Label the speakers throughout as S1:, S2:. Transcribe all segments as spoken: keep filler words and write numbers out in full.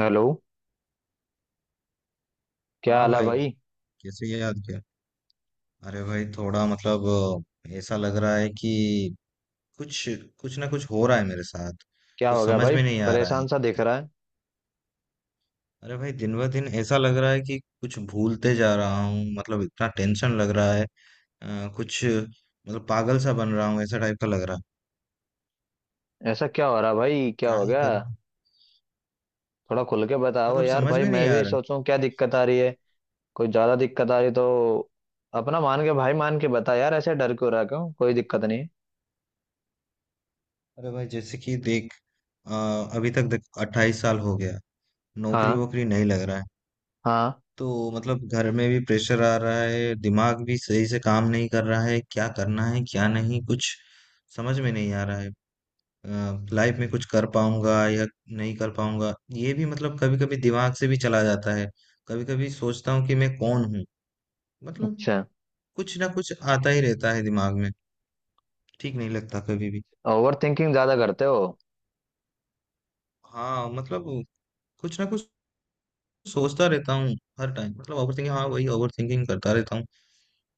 S1: Hello. क्या
S2: हाँ
S1: हाल है
S2: भाई।
S1: भाई?
S2: कैसे याद किया। अरे भाई थोड़ा मतलब अ, ऐसा लग रहा है कि कुछ कुछ ना कुछ हो रहा है मेरे साथ।
S1: क्या
S2: कुछ
S1: हो गया
S2: समझ
S1: भाई?
S2: में नहीं आ रहा है।
S1: परेशान सा दिख रहा है।
S2: अरे भाई दिन ब दिन ऐसा लग रहा है कि कुछ भूलते जा रहा हूँ मतलब इतना टेंशन लग रहा है। अ, कुछ मतलब पागल सा बन रहा हूँ ऐसा टाइप का लग रहा है।
S1: ऐसा क्या हो रहा है भाई, क्या
S2: क्या
S1: हो
S2: ही
S1: गया?
S2: करूँ।
S1: थोड़ा खुल के बताओ
S2: मतलब
S1: यार
S2: समझ
S1: भाई,
S2: में नहीं
S1: मैं
S2: आ
S1: भी
S2: रहा।
S1: सोचूं क्या दिक्कत आ रही है। कोई ज्यादा दिक्कत आ रही तो अपना मान के भाई, मान के बता यार, ऐसे डर क्यों रहा, क्यों? कोई दिक्कत नहीं है।
S2: अरे भाई जैसे कि देख अ, अभी तक देख अट्ठाईस साल हो गया। नौकरी
S1: हाँ।
S2: वोकरी नहीं लग रहा है।
S1: हाँ।
S2: तो मतलब घर में भी प्रेशर आ रहा है दिमाग भी सही से काम नहीं कर रहा है क्या करना है क्या नहीं कुछ समझ में नहीं आ रहा है। लाइफ में कुछ कर पाऊंगा या नहीं कर पाऊंगा ये भी मतलब कभी कभी दिमाग से भी चला जाता है। कभी कभी सोचता हूँ कि मैं कौन हूँ। मतलब
S1: अच्छा।
S2: कुछ ना कुछ आता ही रहता है दिमाग में। ठीक नहीं लगता कभी भी।
S1: ओवर थिंकिंग ज्यादा करते हो?
S2: हाँ मतलब कुछ ना कुछ सोचता रहता हूँ हर टाइम मतलब ओवर थिंकिंग हाँ वही ओवर थिंकिंग करता रहता हूँ।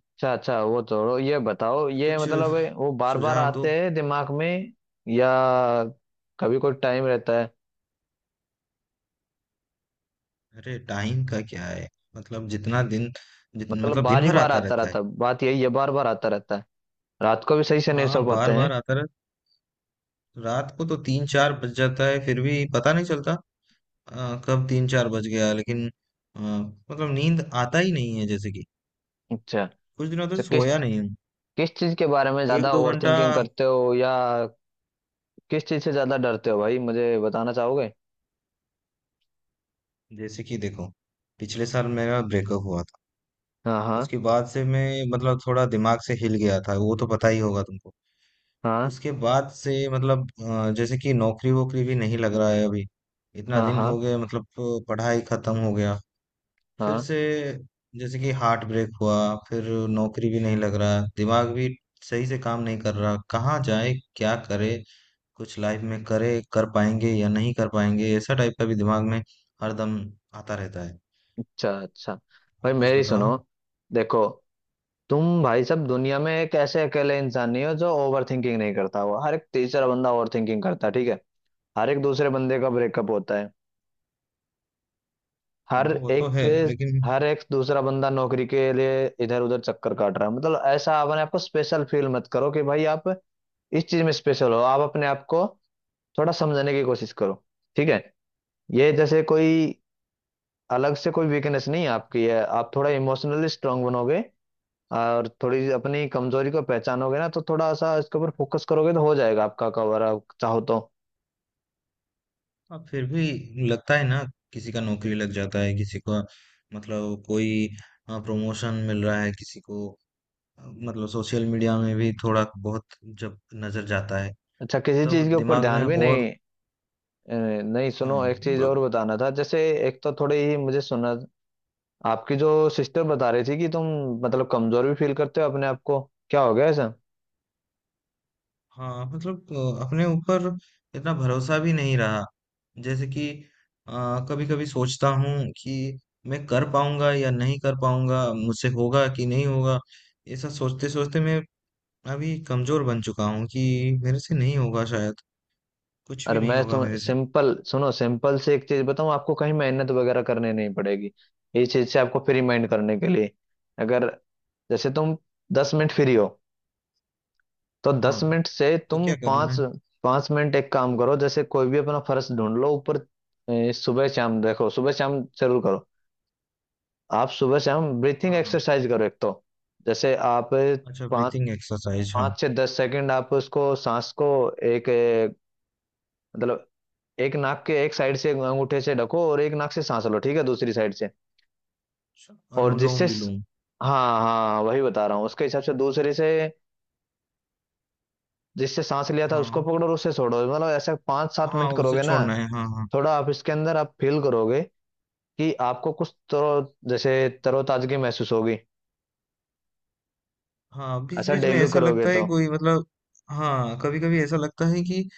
S1: अच्छा अच्छा, वो छोड़ो, ये बताओ, ये
S2: कुछ
S1: मतलब है, वो बार बार
S2: सुझाव दो।
S1: आते हैं दिमाग में या कभी कोई टाइम रहता है?
S2: अरे टाइम का क्या है मतलब जितना दिन जितना
S1: मतलब
S2: मतलब दिन
S1: बार ही
S2: भर
S1: बार
S2: आता
S1: आता
S2: रहता है।
S1: रहता है, बात यही है, बार बार आता रहता है। रात को भी सही से नहीं सो
S2: हाँ
S1: पाते
S2: बार
S1: हैं?
S2: बार आता रहता। रात को तो तीन चार बज जाता है फिर भी पता नहीं चलता। अ, कब तीन चार बज गया लेकिन अ, मतलब नींद आता ही नहीं है जैसे कि
S1: अच्छा।
S2: कुछ दिनों तक
S1: तो किस
S2: सोया नहीं हूँ।
S1: किस चीज के बारे में
S2: एक
S1: ज्यादा
S2: दो
S1: ओवर
S2: घंटा।
S1: थिंकिंग करते हो, या किस चीज से ज्यादा डरते हो भाई, मुझे बताना चाहोगे?
S2: जैसे कि देखो पिछले साल मेरा ब्रेकअप हुआ था।
S1: हाँ हाँ।
S2: उसके बाद से मैं मतलब थोड़ा दिमाग से हिल गया था वो तो पता ही होगा तुमको।
S1: हाँ।
S2: उसके बाद से मतलब अ, जैसे कि नौकरी वोकरी भी नहीं लग रहा है अभी। इतना
S1: हाँ
S2: दिन
S1: हाँ।
S2: हो गए मतलब अ, पढ़ाई खत्म हो गया। फिर
S1: हाँ।
S2: से जैसे कि हार्ट ब्रेक हुआ। फिर नौकरी भी नहीं लग रहा दिमाग भी सही से काम नहीं कर रहा कहाँ जाए क्या करे। कुछ लाइफ में करे कर पाएंगे या नहीं कर पाएंगे ऐसा टाइप का भी दिमाग में हरदम आता रहता है।
S1: अच्छा अच्छा। भाई
S2: आप कुछ
S1: मेरी सुनो,
S2: बताओ।
S1: देखो, तुम भाई सब दुनिया में एक ऐसे अकेले इंसान नहीं हो जो ओवर थिंकिंग नहीं करता हो। हर एक तीसरा बंदा ओवर थिंकिंग करता है, ठीक है। हर एक दूसरे बंदे का ब्रेकअप होता है।
S2: हाँ
S1: हर
S2: वो तो है
S1: एक,
S2: लेकिन।
S1: हर एक दूसरा बंदा नौकरी के लिए इधर उधर चक्कर काट रहा है। मतलब ऐसा अपने आप को स्पेशल फील मत करो कि भाई आप इस चीज में स्पेशल हो। आप अपने आप को थोड़ा समझने की कोशिश करो, ठीक है। ये जैसे कोई अलग से कोई वीकनेस नहीं है आपकी, है? आप थोड़ा इमोशनली स्ट्रांग बनोगे और थोड़ी अपनी कमजोरी को पहचानोगे ना, तो थोड़ा सा इसके ऊपर फोकस करोगे तो हो जाएगा आपका कवर, आप चाहो तो।
S2: हाँ फिर भी लगता है ना। किसी का नौकरी लग जाता है किसी का मतलब कोई प्रमोशन मिल रहा है किसी को अ, मतलब सोशल मीडिया में भी थोड़ा बहुत जब नजर जाता है
S1: अच्छा, किसी
S2: तब
S1: चीज के ऊपर
S2: दिमाग
S1: ध्यान
S2: में
S1: भी
S2: और।
S1: नहीं। अ, नहीं
S2: हाँ
S1: सुनो, एक चीज और
S2: मतलब।
S1: बताना था जैसे, एक तो थोड़ी ही मुझे सुना। आपकी जो सिस्टर बता रही थी कि तुम मतलब कमजोर भी फील करते हो अपने आप को, क्या हो गया ऐसा?
S2: हाँ मतलब अ, अपने ऊपर इतना भरोसा भी नहीं रहा। जैसे कि कभी कभी सोचता हूँ कि मैं कर पाऊंगा या नहीं कर पाऊंगा मुझसे होगा कि नहीं होगा। ऐसा सोचते सोचते मैं मैं अभी कमजोर बन चुका हूँ कि मेरे से नहीं होगा शायद। कुछ भी
S1: अरे
S2: नहीं
S1: मैं
S2: होगा
S1: तुम
S2: मेरे से।
S1: सिंपल सुनो, सिंपल से एक चीज बताऊं आपको, कहीं मेहनत वगैरह करने नहीं पड़ेगी। इस चीज से आपको फ्री माइंड करने के लिए, अगर जैसे तुम दस मिनट फ्री हो, तो दस
S2: हाँ
S1: मिनट से
S2: तो
S1: तुम
S2: क्या करूँ मैं।
S1: पाँच, पाँच मिनट एक काम करो। जैसे कोई भी अपना फर्श ढूंढ लो ऊपर। ए, सुबह शाम देखो, सुबह शाम जरूर करो। आप सुबह शाम ब्रीथिंग
S2: हाँ हाँ।
S1: एक्सरसाइज करो एक तो, जैसे आप
S2: अच्छा,
S1: पाँच,
S2: ब्रीथिंग एक्सरसाइज हाँ।
S1: पाँच से दस सेकंड आप उसको सांस को, एक ए, मतलब एक नाक के एक साइड से अंगूठे से ढको और एक नाक से सांस लो, ठीक है, दूसरी साइड से।
S2: अच्छा,
S1: और
S2: अनुलोम
S1: जिससे स-
S2: विलोम।
S1: हाँ हाँ, वही बता रहा हूँ, उसके हिसाब से दूसरे से, जिससे सांस लिया था उसको
S2: हाँ
S1: पकड़ो और उससे छोड़ो। मतलब ऐसा पाँच सात
S2: हाँ
S1: मिनट
S2: हाँ, उसे
S1: करोगे ना,
S2: छोड़ना है हाँ हाँ।
S1: थोड़ा आप इसके अंदर आप फील करोगे कि आपको कुछ तो जैसे तरोताजगी महसूस होगी।
S2: हाँ बीच
S1: ऐसा
S2: बीच में
S1: डेली
S2: ऐसा
S1: करोगे
S2: लगता है
S1: तो,
S2: कोई मतलब। हाँ कभी कभी ऐसा लगता है कि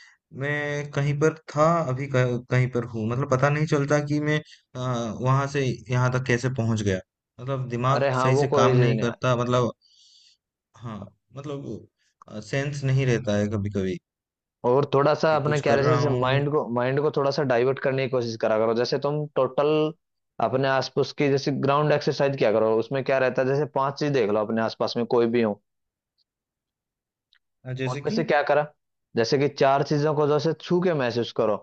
S2: मैं कहीं पर था अभी कह- कहीं पर हूँ मतलब पता नहीं चलता कि मैं आ, वहां से यहाँ तक कैसे पहुंच गया। मतलब
S1: अरे
S2: दिमाग
S1: हाँ
S2: सही
S1: वो
S2: से
S1: कोई
S2: काम
S1: चीज
S2: नहीं
S1: नहीं।
S2: करता मतलब। हाँ मतलब सेंस नहीं रहता है कभी कभी
S1: और थोड़ा सा
S2: कि
S1: अपने
S2: कुछ
S1: क्या
S2: कर
S1: रहता है,
S2: रहा
S1: जैसे
S2: हूँ।
S1: माइंड को, माइंड को थोड़ा सा डाइवर्ट करने की कोशिश करा करो। जैसे तुम टोटल अपने आसपास की जैसे ग्राउंड एक्सरसाइज क्या करो, उसमें क्या रहता है, जैसे पांच चीज देख लो अपने आसपास में, कोई भी हो।
S2: अ, जैसे
S1: उनमें
S2: कि।
S1: से क्या करा, जैसे कि चार चीजों को जैसे छू के महसूस करो।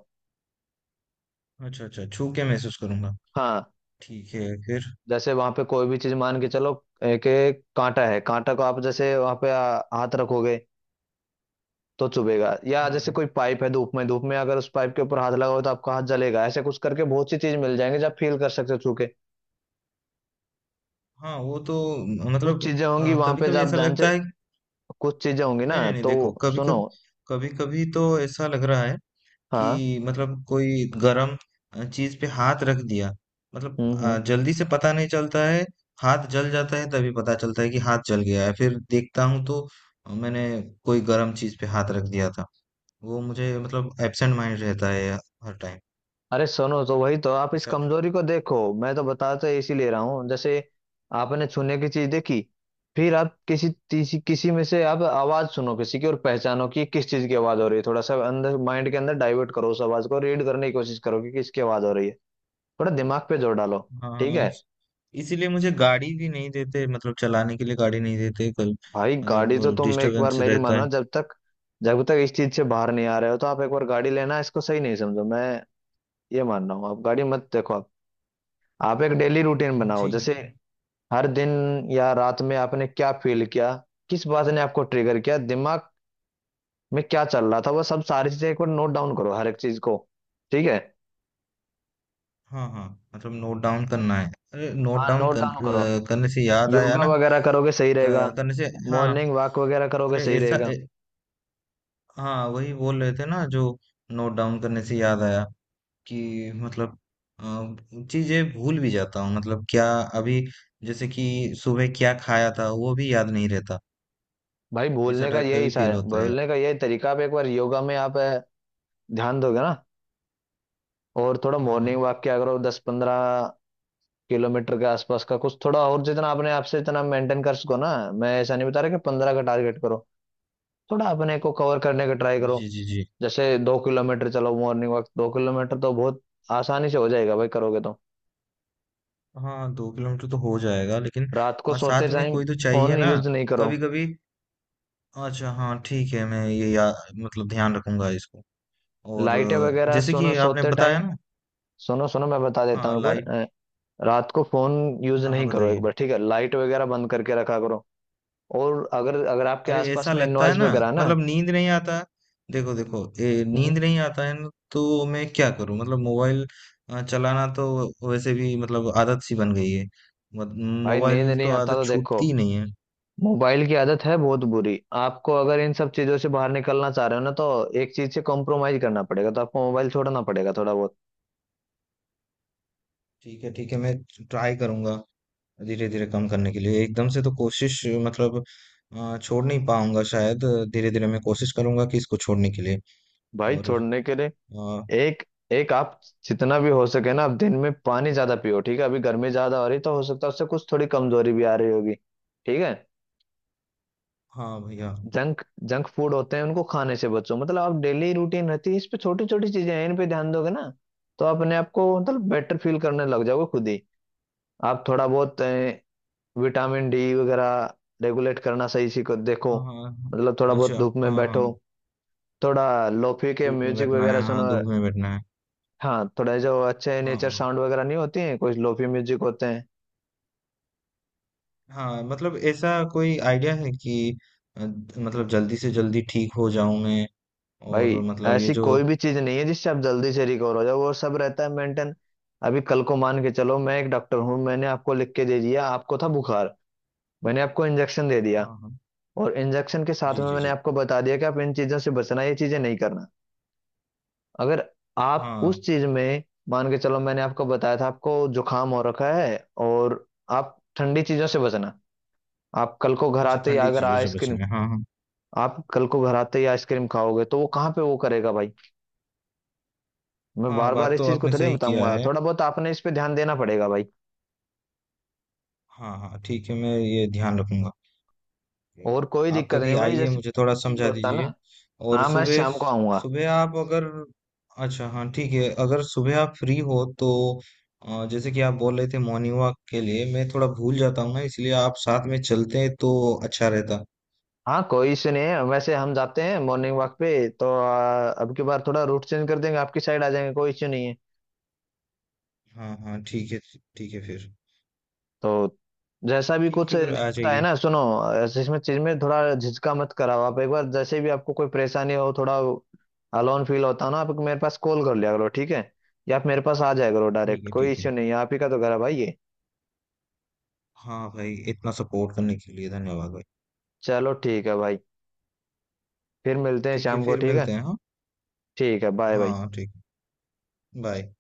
S2: अच्छा अच्छा छू के महसूस करूंगा।
S1: हाँ।
S2: ठीक है फिर।
S1: जैसे वहां पे कोई भी चीज मान के चलो, एक एक कांटा है, कांटा को आप जैसे वहां पे आ, हाथ रखोगे तो चुभेगा, या
S2: हाँ
S1: जैसे
S2: हाँ।
S1: कोई पाइप है, धूप में, धूप में अगर उस पाइप के ऊपर हाथ लगाओ तो आपका हाथ जलेगा। ऐसे कुछ करके बहुत सी चीज मिल जाएंगे, जब फील कर सकते हो छू के।
S2: हाँ वो तो म-
S1: कुछ
S2: मतलब
S1: चीजें होंगी वहां
S2: कभी
S1: पे जब
S2: कभी
S1: आप
S2: ऐसा
S1: ध्यान से,
S2: लगता है।
S1: कुछ चीजें होंगी ना,
S2: नहीं नहीं नहीं
S1: तो
S2: देखो कभी
S1: सुनो।
S2: कभी कभी कभी तो ऐसा लग रहा है
S1: हाँ।
S2: कि मतलब कोई गरम अ, चीज पे हाथ रख दिया मतलब
S1: हम्म
S2: अ,
S1: हम्म।
S2: जल्दी से पता नहीं चलता है। हाथ जल जाता है तभी पता चलता है कि हाथ जल गया है फिर देखता हूँ तो अ, मैंने कोई गरम चीज पे हाथ रख दिया था। वो मुझे मतलब एब्सेंट माइंड रहता है हर टाइम।
S1: अरे सुनो, तो वही तो आप इस
S2: ऐसा
S1: कमजोरी को देखो, मैं तो बताता इसीलिए रहा हूँ। जैसे आपने छूने की चीज देखी, फिर आप किसी तीसी, किसी में से आप आवाज सुनो किसी की, और पहचानो कि किस चीज की आवाज हो रही है। थोड़ा सा अंदर माइंड के अंदर डाइवर्ट करो, उस आवाज को रीड करने की कोशिश करो कि किसकी आवाज हो रही है। थोड़ा दिमाग पे जोर डालो, ठीक
S2: हाँ
S1: है।
S2: इस- इसीलिए मुझे गाड़ी भी नहीं देते मतलब चलाने के लिए गाड़ी नहीं देते कल।
S1: भाई गाड़ी तो
S2: मतलब
S1: तुम एक बार
S2: डिस्टरबेंस
S1: मेरी
S2: रहता
S1: मानो,
S2: है।
S1: जब तक जब तक इस चीज से बाहर नहीं आ रहे हो, तो आप एक बार गाड़ी लेना इसको सही नहीं समझो। मैं ये मान रहा हूँ, आप गाड़ी मत देखो। आप आप एक डेली रूटीन बनाओ,
S2: जी।
S1: जैसे हर दिन या रात में आपने क्या फील किया, किस बात ने आपको ट्रिगर किया, दिमाग में क्या चल रहा था, वो सब सारी चीजें एक बार नोट डाउन करो, हर एक चीज को, ठीक है।
S2: हाँ हाँ मतलब नोट डाउन करना है। अरे नोट
S1: हाँ
S2: डाउन
S1: नोट
S2: कर,
S1: डाउन करो।
S2: अ, करने से याद आया
S1: योगा
S2: ना।
S1: वगैरह करोगे सही रहेगा,
S2: क- करने से हाँ।
S1: मॉर्निंग वॉक वगैरह करोगे
S2: अरे
S1: सही
S2: ऐसा
S1: रहेगा।
S2: ए, हाँ वही बोल रहे थे ना जो नोट डाउन करने से याद आया कि मतलब अ, चीज़ें भूल भी जाता हूँ मतलब क्या अभी जैसे कि सुबह क्या खाया था वो भी याद नहीं रहता।
S1: भाई
S2: ऐसा
S1: भूलने का
S2: टाइप का
S1: यही
S2: भी
S1: सा,
S2: फील होता है।
S1: भूलने का यही तरीका, आप एक बार योगा में आप ध्यान दोगे ना, और थोड़ा
S2: हाँ हाँ।
S1: मॉर्निंग वॉक किया करो, दस पंद्रह किलोमीटर के आसपास का कुछ, थोड़ा और जितना अपने आप से इतना मेंटेन कर सको ना। मैं ऐसा नहीं बता रहा कि पंद्रह का टारगेट करो, थोड़ा अपने को कवर करने का ट्राई करो।
S2: जी जी जी।
S1: जैसे दो किलोमीटर चलो मॉर्निंग वॉक, दो किलोमीटर तो बहुत आसानी से हो जाएगा भाई, करोगे तो।
S2: हाँ दो किलोमीटर तो हो जाएगा लेकिन
S1: रात को
S2: अ,
S1: सोते
S2: साथ में
S1: टाइम
S2: कोई तो चाहिए
S1: फोन
S2: ना
S1: यूज नहीं करो,
S2: कभी कभी। अच्छा हाँ ठीक है मैं ये या मतलब ध्यान रखूंगा इसको। और
S1: लाइटें
S2: अ,
S1: वगैरह
S2: जैसे
S1: सोनो
S2: कि आपने
S1: सोते टाइम,
S2: बताया ना।
S1: सुनो सुनो मैं बता देता
S2: हाँ
S1: हूँ एक बार,
S2: लाइट।
S1: अ, रात को फोन यूज
S2: हाँ हाँ
S1: नहीं करो एक
S2: बताइए।
S1: बार, ठीक है, लाइट वगैरह बंद करके रखा करो। और अगर अगर आपके
S2: अरे
S1: आसपास
S2: ऐसा
S1: में
S2: लगता है
S1: नॉइज
S2: ना
S1: वगैरह ना,
S2: मतलब नींद नहीं आता। देखो देखो ए,
S1: हम्म,
S2: नींद नहीं आता है ना तो मैं क्या करूं मतलब मोबाइल अ, चलाना तो वैसे भी मतलब आदत सी बन गई है। मत-
S1: भाई नींद
S2: मोबाइल
S1: नहीं
S2: तो
S1: आता
S2: आदत
S1: तो देखो
S2: छूटती ही नहीं है।
S1: मोबाइल की आदत है बहुत बुरी। आपको अगर इन सब चीजों से बाहर निकलना चाह रहे हो ना, तो एक चीज से कॉम्प्रोमाइज करना पड़ेगा, तो आपको मोबाइल छोड़ना पड़ेगा थोड़ा बहुत।
S2: ठीक है ठीक है मैं ट्राई करूंगा। धीरे धीरे कम करने के लिए एकदम से तो कोशिश मतलब अ, छोड़ नहीं पाऊंगा शायद। धीरे धीरे मैं कोशिश करूंगा कि इसको छोड़ने के लिए
S1: भाई
S2: और
S1: छोड़ने के लिए
S2: अ,
S1: एक एक आप जितना भी हो सके ना, आप दिन में पानी ज्यादा पियो, ठीक है। अभी गर्मी ज्यादा हो रही, तो हो सकता है उससे कुछ थोड़ी कमजोरी भी आ रही होगी, ठीक है।
S2: हाँ भैया।
S1: जंक जंक फूड होते हैं उनको खाने से बचो। मतलब आप डेली रूटीन रहती है, इस पे छोटी छोटी चीजें हैं, इन पे ध्यान दोगे ना, तो आप अपने आप को मतलब बेटर फील करने लग जाओगे खुद ही। आप थोड़ा बहुत विटामिन डी वगैरह रेगुलेट करना सही से को- देखो,
S2: हाँ हाँ हाँ,
S1: मतलब थोड़ा
S2: अच्छा
S1: बहुत धूप में
S2: हाँ
S1: बैठो,
S2: हाँ
S1: थोड़ा लोफी के
S2: धूप में
S1: म्यूजिक
S2: बैठना है
S1: वगैरह सुनो।
S2: हाँ धूप में बैठना है।
S1: हाँ, थोड़ा जो अच्छे नेचर
S2: हाँ
S1: साउंड वगैरह नहीं होती हैं, कुछ लोफी म्यूजिक होते हैं।
S2: हाँ मतलब ऐसा कोई आइडिया है कि अ, मतलब जल्दी से जल्दी ठीक हो जाऊं मैं। और
S1: भाई
S2: मतलब ये
S1: ऐसी
S2: जो
S1: कोई भी चीज नहीं है जिससे आप जल्दी से रिकवर हो जाओ, वो सब रहता है मेंटेन। अभी कल को मान के चलो मैं एक डॉक्टर हूँ, मैंने आपको लिख के दे दिया, आपको था बुखार, मैंने आपको इंजेक्शन दे दिया,
S2: हाँ हाँ
S1: और इंजेक्शन के साथ
S2: जी
S1: में
S2: जी
S1: मैंने
S2: जी
S1: आपको बता दिया कि आप इन चीजों से बचना, ये चीजें नहीं करना। अगर आप
S2: हाँ।
S1: उस चीज में, मान के चलो मैंने आपको बताया था आपको जुकाम हो रखा है, और आप ठंडी चीजों से बचना, आप कल को घर
S2: अच्छा
S1: आते ही
S2: ठंडी
S1: अगर
S2: चीजों से
S1: आइसक्रीम,
S2: बचना है हाँ हाँ।
S1: आप कल को घर आते ही आइसक्रीम खाओगे तो वो कहाँ पे वो करेगा भाई। मैं
S2: हाँ
S1: बार बार
S2: बात
S1: इस
S2: तो
S1: चीज को
S2: आपने
S1: थोड़ी ना
S2: सही किया
S1: बताऊंगा,
S2: है।
S1: थोड़ा बहुत आपने इस पे ध्यान देना पड़ेगा भाई।
S2: हाँ हाँ ठीक है मैं ये ध्यान रखूंगा। जी।
S1: और कोई
S2: आप
S1: दिक्कत
S2: कभी
S1: नहीं भाई,
S2: आइए
S1: जैसे
S2: मुझे थोड़ा
S1: फील
S2: समझा
S1: होता है
S2: दीजिए।
S1: ना।
S2: और
S1: हाँ मैं
S2: सुबह
S1: शाम को आऊंगा।
S2: सुबह आप अगर अच्छा हाँ ठीक है अगर सुबह आप फ्री हो तो अ, जैसे कि आप बोल रहे थे मॉर्निंग वॉक के लिए मैं थोड़ा भूल जाता हूँ ना इसलिए आप साथ में चलते हैं तो अच्छा रहता।
S1: हाँ कोई इशू नहीं है, वैसे हम जाते हैं मॉर्निंग वॉक पे, तो आ, अब की बार थोड़ा रूट चेंज कर देंगे, आपकी साइड आ जाएंगे, कोई इश्यू नहीं है।
S2: हाँ हाँ ठीक है। ठीक है फिर।
S1: तो जैसा भी
S2: ठीक
S1: कुछ
S2: है फिर आ
S1: दिक्कत आए
S2: जाइए।
S1: ना सुनो, ऐसे इसमें चीज में थोड़ा झिझका मत कराओ, आप एक बार जैसे भी आपको कोई परेशानी हो, थोड़ा अलोन फील होता हो ना, आप मेरे पास कॉल कर लिया करो, ठीक है, या आप मेरे पास आ जाया करो
S2: ठीक
S1: डायरेक्ट,
S2: है
S1: कोई
S2: ठीक है।
S1: इश्यू नहीं है, आप ही का तो घर है भाई ये।
S2: हाँ भाई इतना सपोर्ट करने के लिए धन्यवाद भाई।
S1: चलो ठीक है भाई, फिर मिलते हैं
S2: ठीक है
S1: शाम को,
S2: फिर
S1: ठीक है।
S2: मिलते हैं हाँ।
S1: ठीक है, बाय बाय।
S2: हाँ ठीक। बाय।